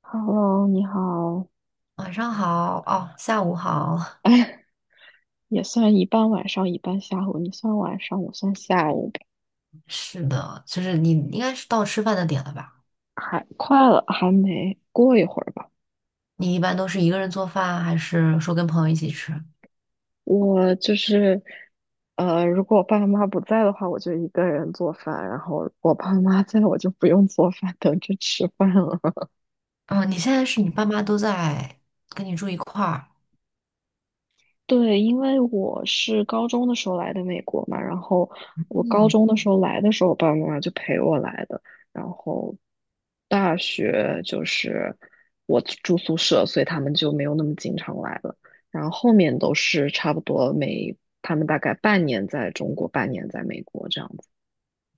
Hello，你好。晚上好，哦，下午好。哎，也算一半晚上，一半下午。你算晚上，我算下午呗。是的，就是你应该是到吃饭的点了吧？还快了，还没过一会儿吧。你一般都是一个人做饭，还是说跟朋友一起吃？我就是，如果我爸妈不在的话，我就一个人做饭；然后我爸妈在，我就不用做饭，等着吃饭了。嗯，你现在是你爸妈都在跟你住一块儿？对，因为我是高中的时候来的美国嘛，然后我高嗯，中的时候来的时候，我爸爸妈妈就陪我来的，然后大学就是我住宿舍，所以他们就没有那么经常来了，然后后面都是差不多每他们大概半年在中国，半年在美国这样子。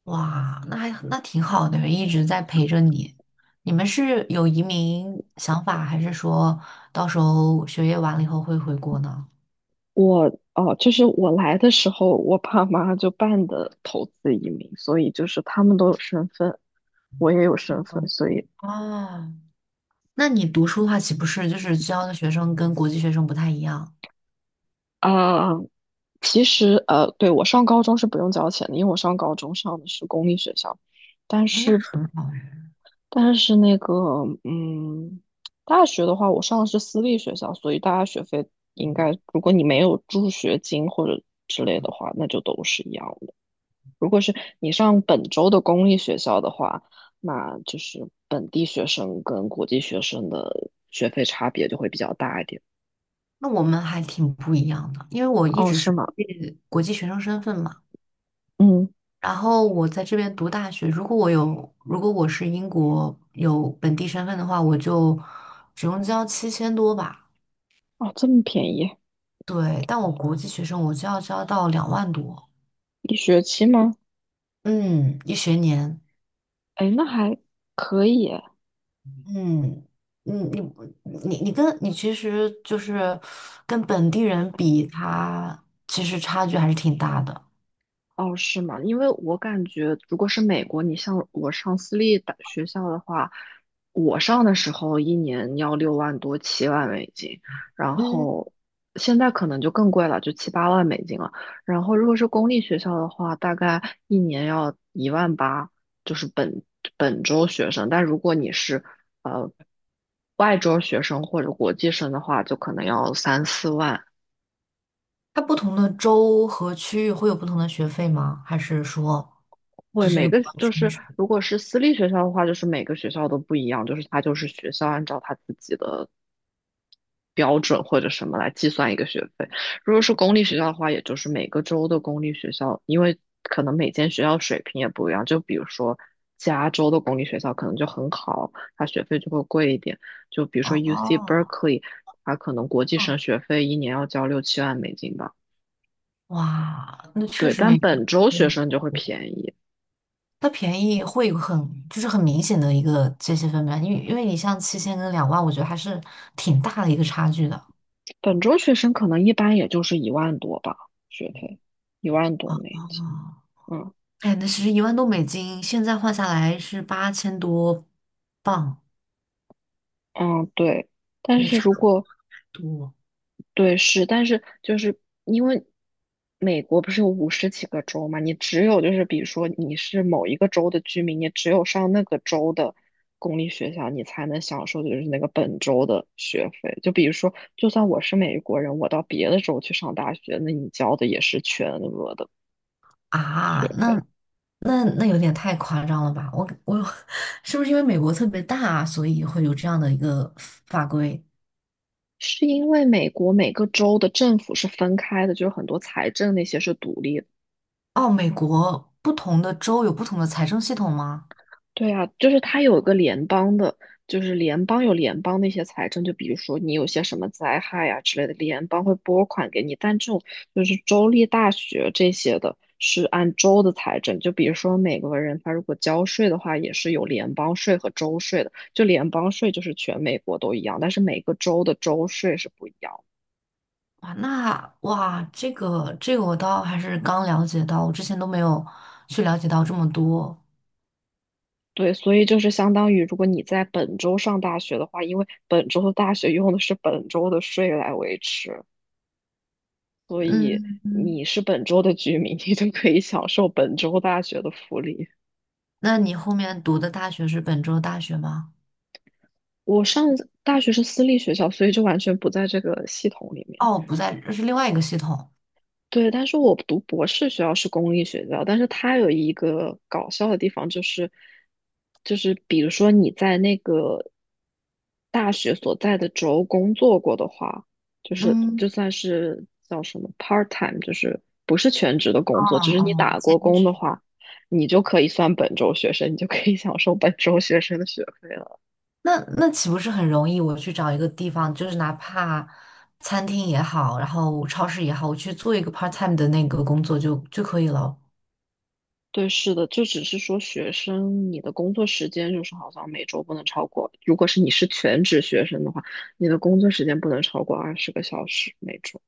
哇，那还那挺好的，一直在陪着你。你们是有移民想法，还是说到时候学业完了以后会回国呢？我哦，就是我来的时候，我爸妈就办的投资移民，所以就是他们都有身份，我也有身份，嗯，所以。哦，那你读书的话，岂不是就是教的学生跟国际学生不太一样？啊，其实，对，我上高中是不用交钱的，因为我上高中上的是公立学校，但嗯，那是，很好。但是那个，嗯，大学的话，我上的是私立学校，所以大家学费应该，如果你没有助学金或者之类的话，那就都是一样的。如果是你上本州的公立学校的话，那就是本地学生跟国际学生的学费差别就会比较大一点。那我们还挺不一样的，因为我一哦，直是是吗？国际学生身份嘛。嗯，然后我在这边读大学，如果我有，如果我是英国有本地身份的话，我就只用交7000多吧。哦，这么便宜，对，但我国际学生我就要交到2万多，一学期吗？嗯，一学年。哎，那还可以。嗯，你你你跟你其实就是跟本地人比，他其实差距还是挺大的。哦，是吗？因为我感觉，如果是美国，你像我上私立大学校的话，我上的时候一年要6万多、7万美金，然嗯，后现在可能就更贵了，就7、8万美金了。然后如果是公立学校的话，大概一年要1万8，就是本州学生。但如果你是呃外州学生或者国际生的话，就可能要3、4万。它不同的州和区域会有不同的学费吗？还是说会这是每个个比较就均是值？如果是私立学校的话，就是每个学校都不一样，就是它就是学校按照它自己的标准或者什么来计算一个学费。如果是公立学校的话，也就是每个州的公立学校，因为可能每间学校水平也不一样，就比如说加州的公立学校可能就很好，它学费就会贵一点。就比如说 UC 哦 Berkeley,它可能国际哦，生学费一年要交6、7万美金吧。哇，那确对，实没但有，本州学生就会便宜。它便宜会有很就是很明显的一个界限分别，因为你像七千跟两万，我觉得还是挺大的一个差距的本周学生可能一般也就是一万多吧，学费一万多啊。哦美金。哦，嗯哎，那其实1万多美金现在换下来是8000多镑，嗯，对。但也是差如不果多。对是，但是就是因为美国不是有50几个州嘛，你只有就是比如说你是某一个州的居民，你只有上那个州的公立学校，你才能享受就是那个本州的学费。就比如说，就算我是美国人，我到别的州去上大学，那你交的也是全额的学啊，那费。那那有点太夸张了吧？我 是不是因为美国特别大，所以会有这样的一个法规？是因为美国每个州的政府是分开的，就是很多财政那些是独立的。哦，美国不同的州有不同的财政系统吗？对啊，就是它有一个联邦的，就是联邦有联邦那些财政，就比如说你有些什么灾害啊之类的，联邦会拨款给你。但这种就是州立大学这些的，是按州的财政。就比如说美国人他如果交税的话，也是有联邦税和州税的。就联邦税就是全美国都一样，但是每个州的州税是不一样的。哇，那哇，这个我倒还是刚了解到，我之前都没有去了解到这么多。对，所以就是相当于，如果你在本州上大学的话，因为本州的大学用的是本州的税来维持，嗯嗯，你是本州的居民，你就可以享受本州大学的福利。那你后面读的大学是本州大学吗？我上大学是私立学校，所以就完全不在这个系统里面。哦，不在，这是另外一个系统。对，但是我读博士学校是公立学校，但是它有一个搞笑的地方，就是比如说你在那个大学所在的州工作过的话，就是嗯，就算是叫什么 part time,就是不是全职的工哦作，只是你哦，打兼过工的职。话，你就可以算本州学生，你就可以享受本州学生的学费。那岂不是很容易？我去找一个地方，就是哪怕餐厅也好，然后超市也好，我去做一个 part time 的那个工作就可以了。对，是的，就只是说学生，你的工作时间就是好像每周不能超过，如果是你是全职学生的话，你的工作时间不能超过二十个小时每周。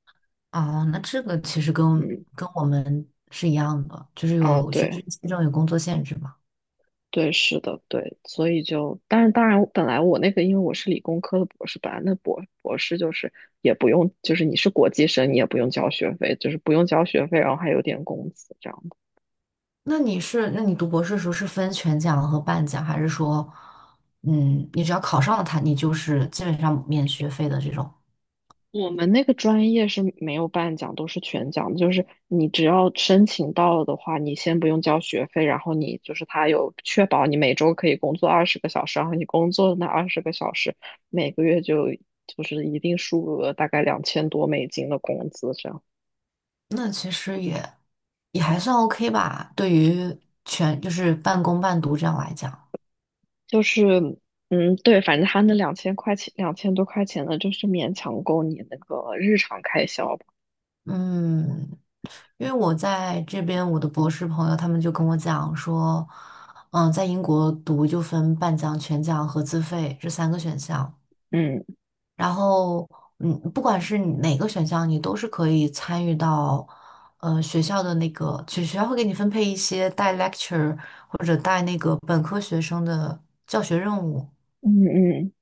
哦，那这个其实跟嗯，跟我们是一样的，就是啊，有学生对，签证有工作限制嘛。对，是的，对，所以就，但是当然，本来我那个，因为我是理工科的博士，本来那博士就是也不用，就是你是国际生，你也不用交学费，就是不用交学费，然后还有点工资这样。那你是，那你读博士的时候是分全奖和半奖，还是说，嗯，你只要考上了它，你就是基本上免学费的这种？我们那个专业是没有半奖，都是全奖的就是你只要申请到了的话，你先不用交学费，然后你就是他有确保你每周可以工作二十个小时，然后你工作的那二十个小时，每个月就是一定数额，大概2000多美金的工资这样。那其实也还算 OK 吧，对于全就是半工半读这样来讲。就是嗯，对，反正他那2000块钱，2000多块钱呢，就是勉强够你那个日常开销吧。嗯，因为我在这边，我的博士朋友他们就跟我讲说，嗯，在英国读就分半奖、全奖和自费这三个选项，嗯然后嗯，不管是你哪个选项，你都是可以参与到，学校的那个，就学校会给你分配一些带 lecture 或者带那个本科学生的教学任务，嗯嗯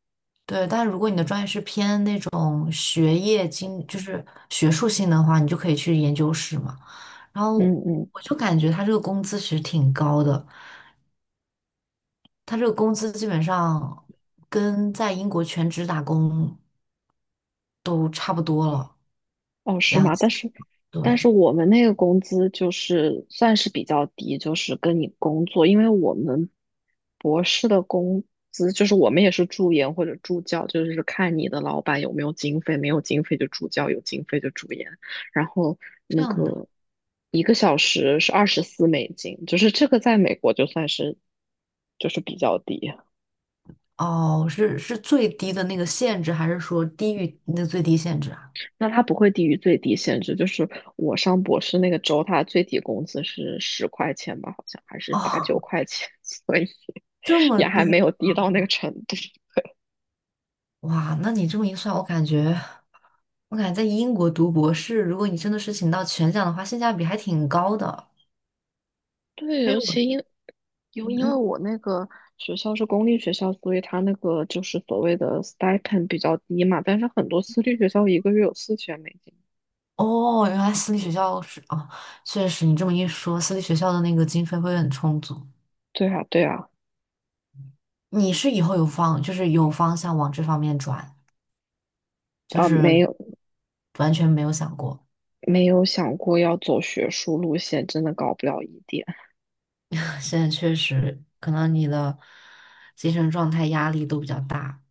对，但如果你的专业是偏那种学业经，就是学术性的话，你就可以去研究室嘛。然后嗯嗯。我就感觉他这个工资其实挺高的，他这个工资基本上跟在英国全职打工都差不多了，哦，是两，吗？但是，但对，是我们那个工资就是算是比较低，就是跟你工作，因为我们博士的工资就是我们也是助研或者助教，就是看你的老板有没有经费，没有经费就助教，有经费就助研。然后这那样的。个一个小时是24美金，就是这个在美国就算是就是比较低。哦，是最低的那个限制，还是说低于那最低限制啊？那它不会低于最低限制，就是我上博士那个周，它最低工资是10块钱吧，好像还是八九哦，块钱，所以这么也还低。没有低到那个程度。哇，那你这么一算，我感觉，我感觉在英国读博士，如果你真的是请到全奖的话，性价比还挺高的。对，因尤为我，其因为嗯，我那个学校是公立学校，所以它那个就是所谓的 stipend 比较低嘛，但是很多私立学校一个月有4000美金。哦，原来私立学校是，哦，确实，你这么一说，私立学校的那个经费会很充足。对啊，对啊，你是以后有方，就是有方向往这方面转，就啊，没是有完全没有想过。没有想过要走学术路线，真的搞不了一点。现在确实，可能你的精神状态压力都比较大。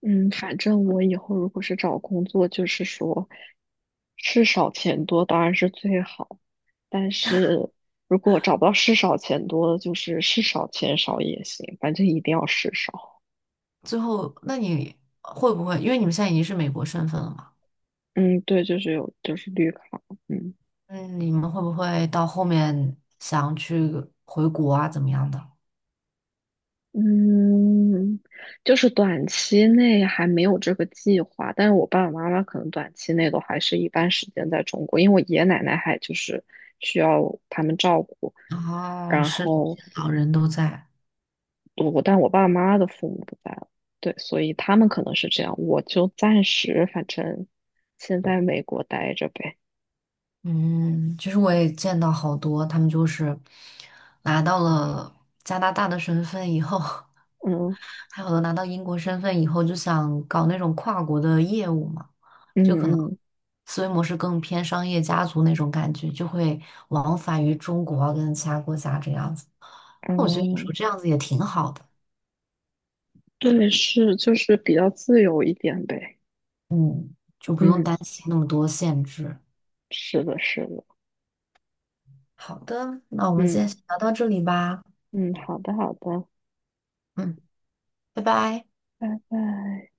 嗯，反正我以后如果是找工作，就是说，事少钱多当然是最好，但是如果找不到事少钱多的，就是事少钱少也行，反正一定要事少。最后，那你会不会，因为你们现在已经是美国身份了嘛？嗯，对，就是有，就是绿卡，嗯嗯，你们会不会到后面想去回国啊，怎么样的？嗯，就是短期内还没有这个计划，但是我爸爸妈妈可能短期内都还是一般时间在中国，因为我爷爷奶奶还就是需要他们照顾。哦，然是的，后这些老人都在。我爸妈的父母不在了，对，所以他们可能是这样，我就暂时反正先在美国待着呗。嗯，其实我也见到好多，他们就是拿到了加拿大的身份以后，嗯还有的拿到英国身份以后，就想搞那种跨国的业务嘛，就可能嗯嗯思维模式更偏商业家族那种感觉，就会往返于中国啊跟其他国家这样子。那我觉得有时嗯，候这样子也挺好的。对，是就是比较自由一点呗。嗯，就不用嗯，担心那么多限制。是的，是的。好的，那我们今嗯天先聊到这里吧。嗯，好的好的，嗯，拜拜。拜拜。